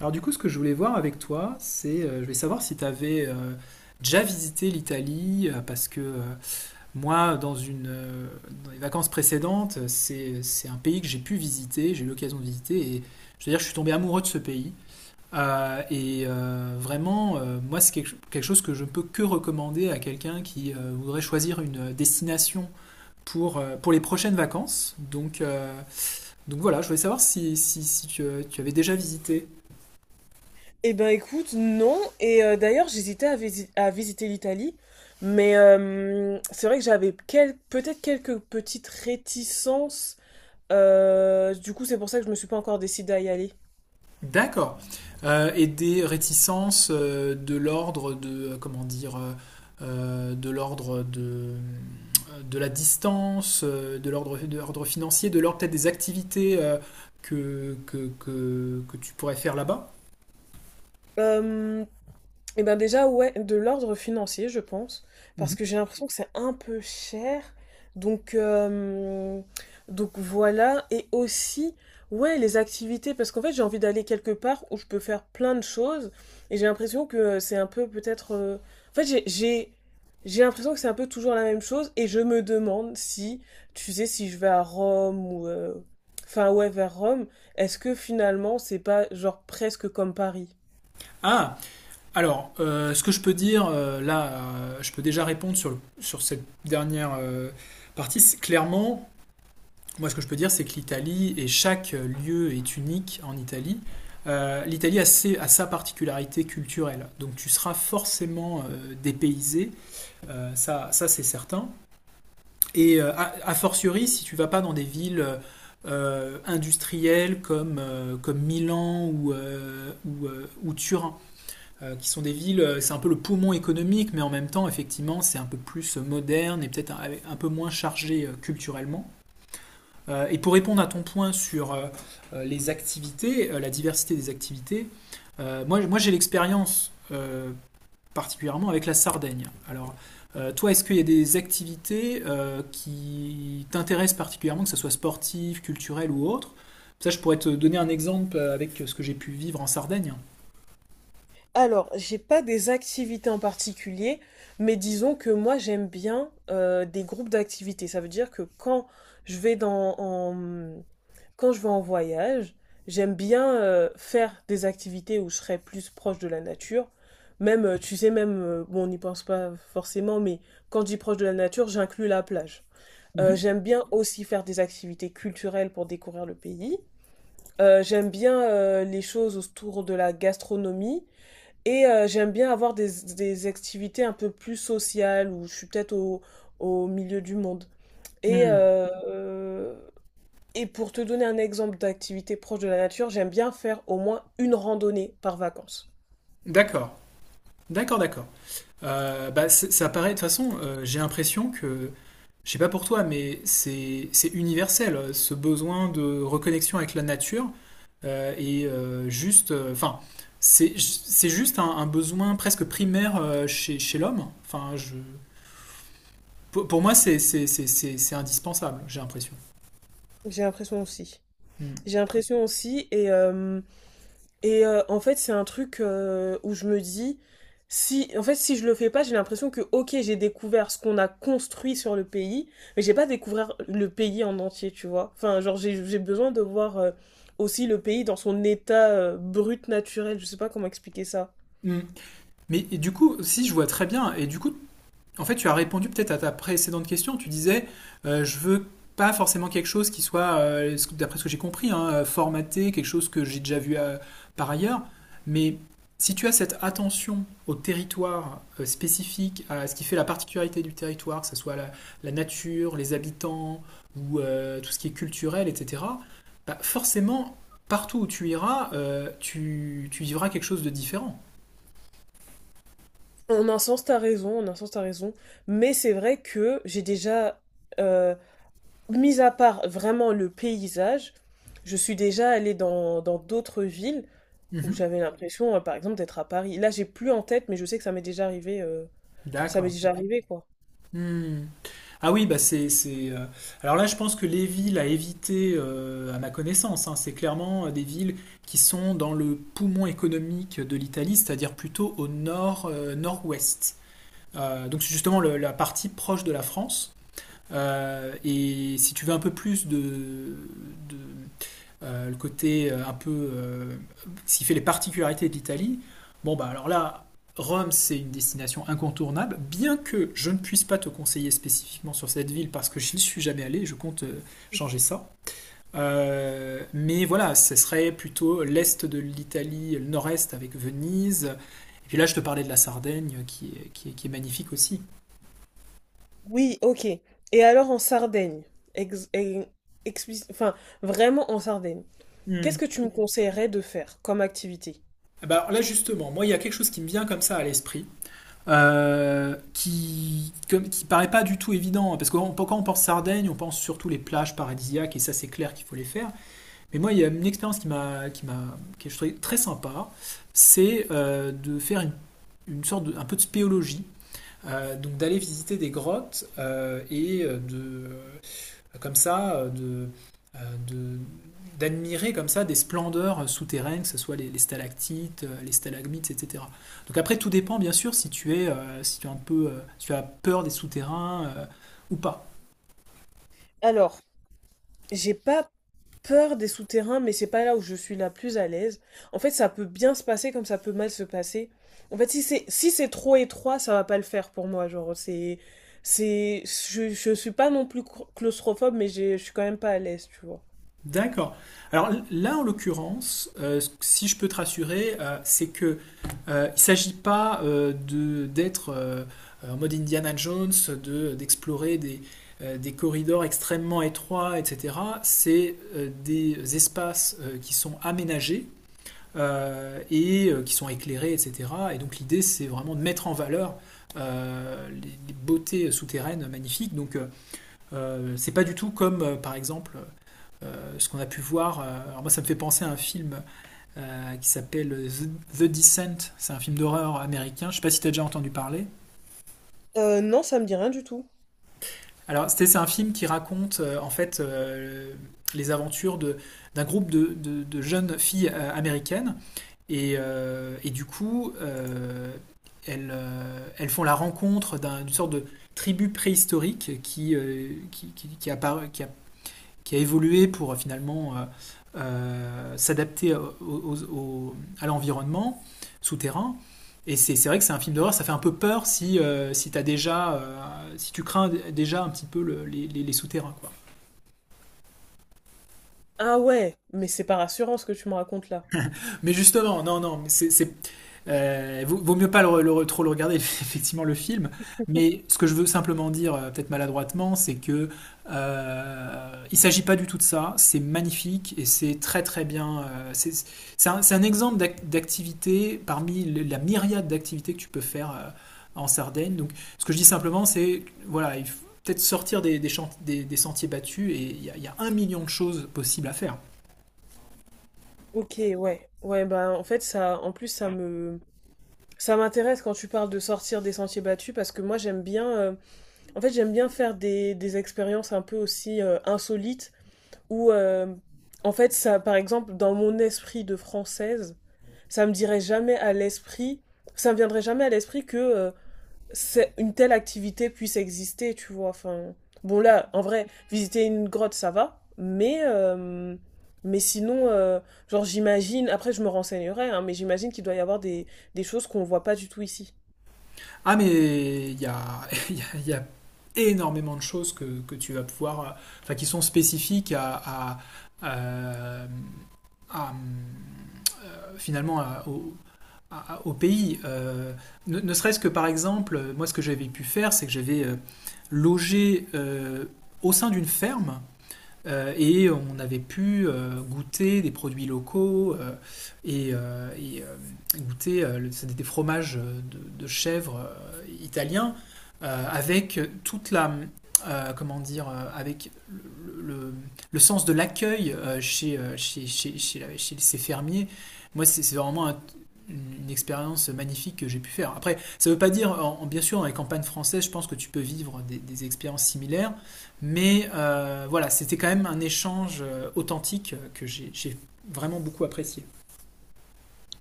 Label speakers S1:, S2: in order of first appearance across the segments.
S1: Alors du coup, ce que je voulais voir avec toi, c'est, je voulais savoir si tu avais déjà visité l'Italie, parce que moi, dans les vacances précédentes, c'est un pays que j'ai pu visiter, j'ai eu l'occasion de visiter, et je veux dire, je suis tombé amoureux de ce pays. Vraiment, moi, c'est quelque chose que je ne peux que recommander à quelqu'un qui voudrait choisir une destination pour les prochaines vacances. Donc voilà, je voulais savoir si tu, tu avais déjà visité.
S2: Eh ben écoute, non. D'ailleurs, j'hésitais à visiter l'Italie, mais c'est vrai que j'avais peut-être quelques petites réticences. Du coup, c'est pour ça que je me suis pas encore décidée à y aller.
S1: D'accord. Et des réticences de l'ordre de, comment dire, de l'ordre de la distance, de l'ordre financier, de l'ordre peut-être des activités que tu pourrais faire là-bas.
S2: Euh, Et ben déjà, ouais, de l'ordre financier, je pense, parce que
S1: Mhm.
S2: j'ai l'impression que c'est un peu cher. Donc, euh, donc voilà. Et aussi, ouais, les activités, parce qu'en fait, j'ai envie d'aller quelque part où je peux faire plein de choses. Et j'ai l'impression que c'est un peu peut-être... En fait, j'ai l'impression que c'est un peu toujours la même chose. Et je me demande si, tu sais, si je vais à Rome ou... Enfin, ouais, vers Rome, est-ce que finalement, c'est pas genre presque comme Paris?
S1: Ah, alors, ce que je peux dire, je peux déjà répondre sur cette dernière partie. C'est clairement, moi, ce que je peux dire, c'est que l'Italie, et chaque lieu est unique en Italie, l'Italie a sa particularité culturelle. Donc tu seras forcément dépaysé, ça c'est certain. Et a fortiori, si tu vas pas dans des villes industrielles comme Milan ou Turin, qui sont des villes, c'est un peu le poumon économique, mais en même temps, effectivement, c'est un peu plus moderne et peut-être un peu moins chargé culturellement. Et pour répondre à ton point sur les activités, la diversité des activités, moi j'ai l'expérience particulièrement avec la Sardaigne. Alors, toi, est-ce qu'il y a des activités qui t'intéressent particulièrement, que ce soit sportive, culturelle ou autre? Ça, je pourrais te donner un exemple avec ce que j'ai pu vivre en Sardaigne.
S2: Alors, j'ai pas des activités en particulier, mais disons que moi j'aime bien des groupes d'activités. Ça veut dire que quand je vais dans, en- quand je vais en voyage, j'aime bien faire des activités où je serai plus proche de la nature. Même, tu sais, même, bon, on n'y pense pas forcément, mais quand je dis proche de la nature, j'inclus la plage. Euh,
S1: Mhm.
S2: j'aime bien aussi faire des activités culturelles pour découvrir le pays. J'aime bien les choses autour de la gastronomie. J'aime bien avoir des activités un peu plus sociales où je suis peut-être au milieu du monde. Et,
S1: Hmm.
S2: euh, euh, et pour te donner un exemple d'activité proche de la nature, j'aime bien faire au moins une randonnée par vacances.
S1: D'accord. D'accord, d'accord. Bah, ça paraît, de toute façon, j'ai l'impression que, je sais pas pour toi, mais c'est universel, ce besoin de reconnexion avec la nature. Enfin, c'est juste un besoin presque primaire chez l'homme. Pour moi, c'est indispensable, j'ai l'impression.
S2: J'ai l'impression aussi.
S1: Hmm.
S2: J'ai l'impression aussi, et en fait, c'est un truc où je me dis, si, en fait, si je le fais pas, j'ai l'impression que, ok, j'ai découvert ce qu'on a construit sur le pays, mais j'ai pas découvert le pays en entier, tu vois. Enfin, genre, j'ai besoin de voir aussi le pays dans son état brut naturel, je sais pas comment expliquer ça.
S1: Hmm. Si je vois très bien, et du coup, en fait, tu as répondu peut-être à ta précédente question. Tu disais, je veux pas forcément quelque chose qui soit, d'après ce que j'ai compris, hein, formaté, quelque chose que j'ai déjà vu par ailleurs. Mais si tu as cette attention au territoire spécifique, à ce qui fait la particularité du territoire, que ce soit la, la nature, les habitants ou tout ce qui est culturel, etc., bah, forcément, partout où tu iras, tu vivras quelque chose de différent.
S2: En un sens, t'as raison, en un sens, t'as raison, mais c'est vrai que j'ai déjà. Euh, Mis à part vraiment le paysage, je suis déjà allée dans d'autres villes où
S1: Mhm.
S2: j'avais l'impression, par exemple, d'être à Paris. Là, j'ai plus en tête, mais je sais que ça m'est déjà arrivé, ça m'est
S1: D'accord.
S2: déjà Ouais. arrivé, quoi.
S1: Hmm. Ah oui, bah c'est, c'est, euh, Alors là, je pense que les villes à éviter, à ma connaissance, hein, c'est clairement des villes qui sont dans le poumon économique de l'Italie, c'est-à-dire plutôt au nord, nord-ouest. Donc c'est justement la partie proche de la France. Et si tu veux un peu plus de le côté un peu. Ce qui fait les particularités de l'Italie. Bon, bah alors là, Rome, c'est une destination incontournable, bien que je ne puisse pas te conseiller spécifiquement sur cette ville parce que je n'y suis jamais allé, je compte changer ça. Mais voilà, ce serait plutôt l'est de l'Italie, le nord-est avec Venise. Et puis là, je te parlais de la Sardaigne qui est magnifique aussi.
S2: Oui, ok. Et alors en Sardaigne, ex e explic enfin, vraiment en Sardaigne, qu'est-ce
S1: Mm.
S2: que tu me Mmh. conseillerais de faire comme activité?
S1: Bah, alors là, justement, moi, il y a quelque chose qui me vient comme ça à l'esprit. Qui paraît pas du tout évident, hein. Parce que quand on- quand on pense Sardaigne, on pense surtout les plages paradisiaques, et ça c'est clair qu'il faut les faire. Mais moi, il y a une expérience qui, est je trouvais très sympa, c'est de faire une sorte de, un peu de spéologie. Donc d'aller visiter des grottes et de comme ça, euh, de d'admirer comme ça des splendeurs souterraines, que ce soit stalactites, les stalagmites, etc. Donc après, tout dépend bien sûr si tu es, si tu es un peu, si tu as peur des souterrains ou pas.
S2: Alors, j'ai pas peur des souterrains, mais c'est pas là où je suis la plus à l'aise. En fait, ça peut bien se passer comme ça peut mal se passer. En fait, si c'est trop étroit, ça va pas le faire pour moi. Genre, c'est je suis pas non plus claustrophobe, mais je suis quand même pas à l'aise, tu vois.
S1: D'accord. Alors là, en l'occurrence, si je peux te rassurer, c'est que il s'agit pas de d'être en mode Indiana Jones, de d'explorer des corridors extrêmement étroits, etc. C'est des espaces qui sont aménagés qui sont éclairés, etc. Et donc l'idée, c'est vraiment de mettre en valeur les beautés souterraines magnifiques. Donc c'est pas du tout comme, par exemple, ce qu'on a pu voir. Alors moi, ça me fait penser à un film qui s'appelle The Descent. C'est un film d'horreur américain. Je sais pas si tu as déjà entendu parler.
S2: Non, ça me dit rien du tout.
S1: Alors, c'est un film qui raconte en fait les aventures de, d'un groupe de jeunes filles américaines. Et, euh, et du coup, euh, Elles font la rencontre d'une sorte de tribu préhistorique qui, appara qui a évolué pour finalement s'adapter à l'environnement souterrain. Et c'est vrai que c'est un film d'horreur, ça fait un peu peur si, t'as déjà, si tu crains déjà un petit peu les souterrains, quoi.
S2: Ah ouais, mais c'est pas rassurant ce que tu me racontes là.
S1: Mais justement, non, non, mais c'est- vaut, vaut mieux pas trop le regarder, effectivement, le film. Mais ce que je veux simplement dire, peut-être maladroitement, c'est que il s'agit pas du tout de ça. C'est magnifique et c'est très très bien. C'est un exemple d'activité parmi la myriade d'activités que tu peux faire en Sardaigne. Donc, ce que je dis simplement, c'est voilà, il faut peut-être sortir des sentiers battus et il y a 1 million de choses possibles à faire.
S2: Ok, ouais, ouais, bah en fait en plus ça me, ça m'intéresse quand tu parles de sortir des sentiers battus parce que moi j'aime bien, en fait j'aime bien faire des expériences un peu aussi insolites où, euh, en fait, ça, par exemple, dans mon esprit de française, ça me dirait jamais à l'esprit, ça me viendrait jamais à l'esprit que une telle activité puisse exister, tu vois. Enfin, bon là, en vrai, visiter une grotte, ça va, mais sinon, genre j'imagine, après je me renseignerai, hein, mais j'imagine qu'il doit y avoir des choses qu'on voit pas du tout ici.
S1: Mais il y a, il y a énormément de choses que tu vas pouvoir, enfin, qui sont spécifiques à- à, finalement à- au pays. Ne serait-ce que par exemple, moi, ce que j'avais pu faire, c'est que j'avais logé au sein d'une ferme et on avait pu goûter des produits locaux et, euh, et, euh, goûter c'était des fromages de chèvre italiens avec toute la comment dire avec le sens de l'accueil chez ces fermiers. Moi, c'est vraiment une expérience magnifique que j'ai pu faire. Après, ça ne veut pas dire, bien sûr, dans les campagnes françaises, je pense que tu peux vivre des expériences similaires, mais voilà, c'était quand même un échange authentique que j'ai vraiment beaucoup apprécié.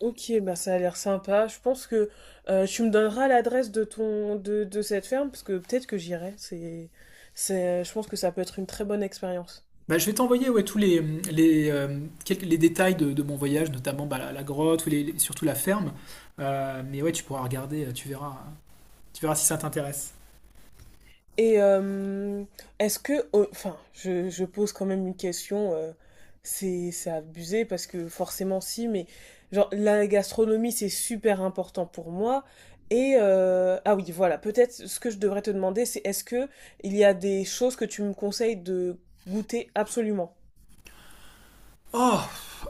S2: Ok, bah ça a l'air sympa. Je pense que tu me donneras l'adresse de de cette ferme parce que peut-être que j'irai. C'est Je pense que ça peut être une très bonne expérience.
S1: Bah, je vais t'envoyer, ouais, tous les, quelques- les détails de mon voyage, notamment bah, la grotte, ou surtout la ferme. Mais ouais, tu pourras regarder, tu verras si ça t'intéresse.
S2: Et euh, Est-ce que oh, enfin je pose quand même une question. C'est abusé parce que forcément si, mais genre la gastronomie c'est super important pour moi. Et ah oui voilà peut-être ce que je devrais te demander c'est est-ce que il y a des choses que tu me conseilles de goûter absolument?
S1: Oh,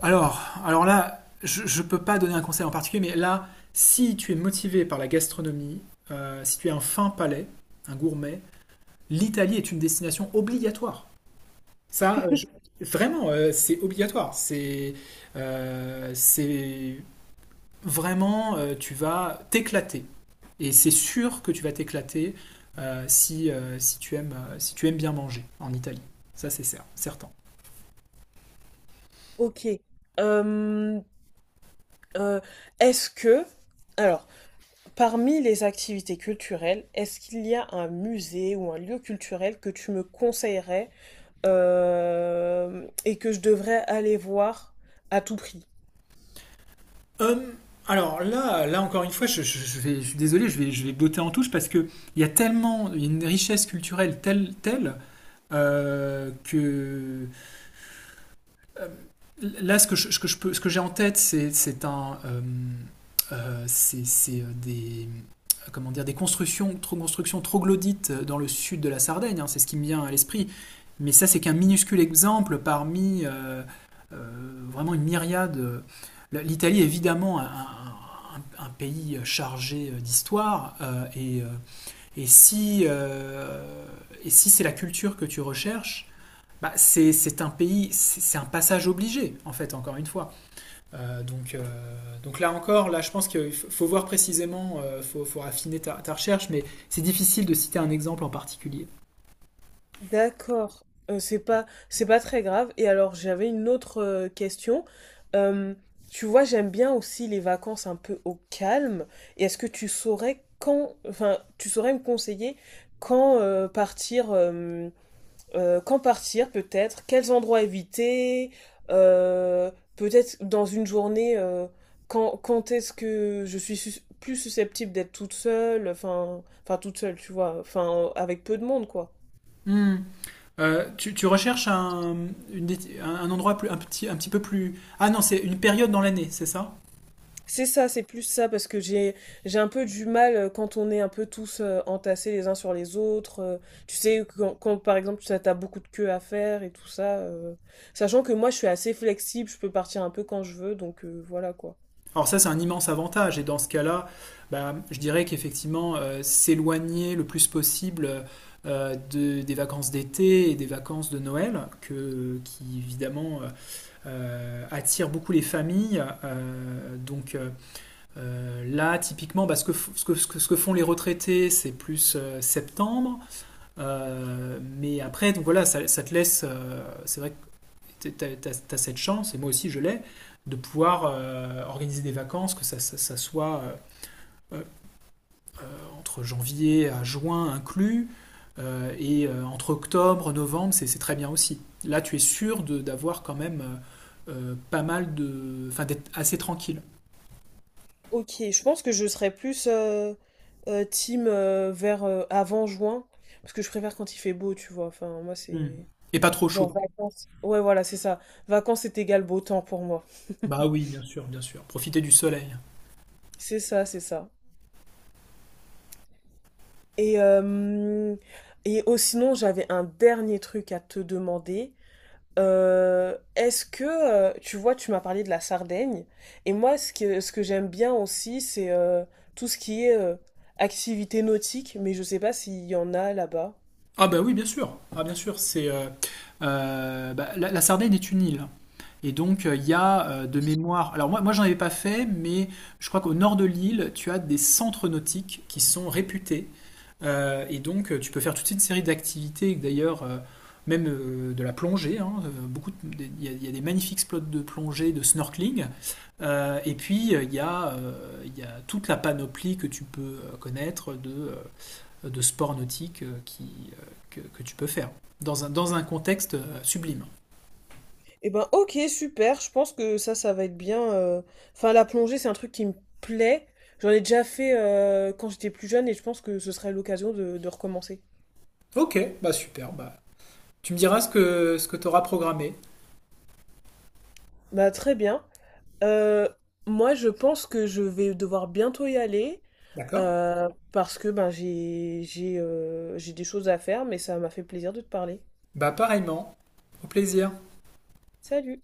S1: alors là, je ne peux pas donner un conseil en particulier, mais là, si tu es motivé par la gastronomie, si tu es un fin palais, un gourmet, l'Italie est une destination obligatoire. Vraiment, c'est obligatoire. C'est vraiment, tu vas t'éclater. Et c'est sûr que tu vas t'éclater si tu aimes bien manger en Italie. Ça, certain.
S2: Ok. Euh, euh, Est-ce que, alors, parmi les activités culturelles, est-ce qu'il y a un musée ou un lieu culturel que tu me conseillerais et que je devrais aller voir à tout prix?
S1: Hum, alors là, là encore une fois, je suis désolé, je vais botter en touche parce que il y a une richesse culturelle telle que euh, là, ce que j'ai en tête, c'est des, comment dire, des constructions, trop constructions troglodytes dans le sud de la Sardaigne, hein, c'est ce qui me vient à l'esprit. Mais ça, c'est qu'un minuscule exemple parmi vraiment une myriade. L'Italie, évidemment, un pays chargé d'histoire. Et si, euh, et si c'est la culture que tu recherches, bah, c'est un passage obligé, en fait, encore une fois. Euh, donc, euh, donc là encore, là, je pense qu'il faut voir précisément, faut affiner ta recherche, mais c'est difficile de citer un exemple en particulier.
S2: D'accord. C'est pas très grave. Et alors j'avais une autre question. Euh, tu vois, j'aime bien aussi les vacances un peu au calme. Et est-ce que tu saurais quand, enfin, tu saurais me conseiller quand partir peut-être, quels endroits éviter, euh, peut-être dans une journée, quand est-ce que je suis plus susceptible d'être toute seule, enfin, enfin toute seule, tu vois, enfin avec peu de monde quoi.
S1: Hmm. Tu recherches une un endroit un petit peu plus... Ah non, c'est une période dans l'année, c'est ça?
S2: C'est ça, c'est plus ça, parce que j'ai un peu du mal quand on est un peu tous entassés les uns sur les autres. Tu sais, quand, par exemple, ça t'as beaucoup de queues à faire et tout ça. Sachant que moi, je suis assez flexible, je peux partir un peu quand je veux, donc voilà quoi.
S1: Alors ça, c'est un immense avantage. Et dans ce cas-là, bah, je dirais qu'effectivement, s'éloigner le plus possible des vacances d'été et des vacances de Noël, qui évidemment attirent beaucoup les familles. Là, typiquement, bah, ce, que, f- ce, que, ce que- ce que font les retraités, c'est plus septembre. Mais après, donc voilà, ça te laisse, c'est vrai tu as cette chance, et moi aussi je l'ai, de pouvoir organiser des vacances, que ça soit euh, entre janvier à juin inclus, entre octobre, novembre, c'est très bien aussi. Là, tu es sûr d'avoir quand même pas mal de... Enfin, d'être assez tranquille.
S2: Ok, je pense que je serais plus team vers avant juin, parce que je préfère quand il fait beau, tu vois. Enfin, moi,
S1: Mm.
S2: c'est
S1: Et pas trop
S2: genre
S1: chaud.
S2: vacances. Ouais, voilà, c'est ça. Vacances, c'est égal beau temps pour moi.
S1: Bah oui, bien sûr, bien sûr. Profiter du soleil.
S2: C'est ça, c'est ça. Et, oh, sinon, j'avais un dernier truc à te demander. Est-ce que, tu vois, tu m'as parlé de la Sardaigne, et moi, ce que j'aime bien aussi, c'est tout ce qui est activité nautique, mais je sais pas s'il y en a là-bas.
S1: Ah bah oui, bien sûr. Ah bien sûr, c'est bah, la Sardaigne est une île. Et donc il y a, de mémoire. Alors moi j'en avais pas fait, mais je crois qu'au nord de l'île, tu as des centres nautiques qui sont réputés. Et donc tu peux faire toute une série d'activités. D'ailleurs, même de la plongée, hein. Il y a il y a des magnifiques spots de plongée, de snorkeling. Et puis, il y, a, Il y a toute la panoplie que tu peux connaître de de sport nautique que tu peux faire dans dans un contexte sublime.
S2: Eh ben, ok, super. Je pense que ça va être bien. Enfin, la plongée, c'est un truc qui me plaît. J'en ai déjà fait quand j'étais plus jeune et je pense que ce serait l'occasion de recommencer.
S1: Ok, bah super. Bah, tu me diras ce que tu auras programmé.
S2: Bah, très bien. Euh, moi, je pense que je vais devoir bientôt y aller
S1: D'accord.
S2: parce que ben, j'ai des choses à faire, mais ça m'a fait plaisir de te parler.
S1: Bah pareillement. Au plaisir.
S2: Salut!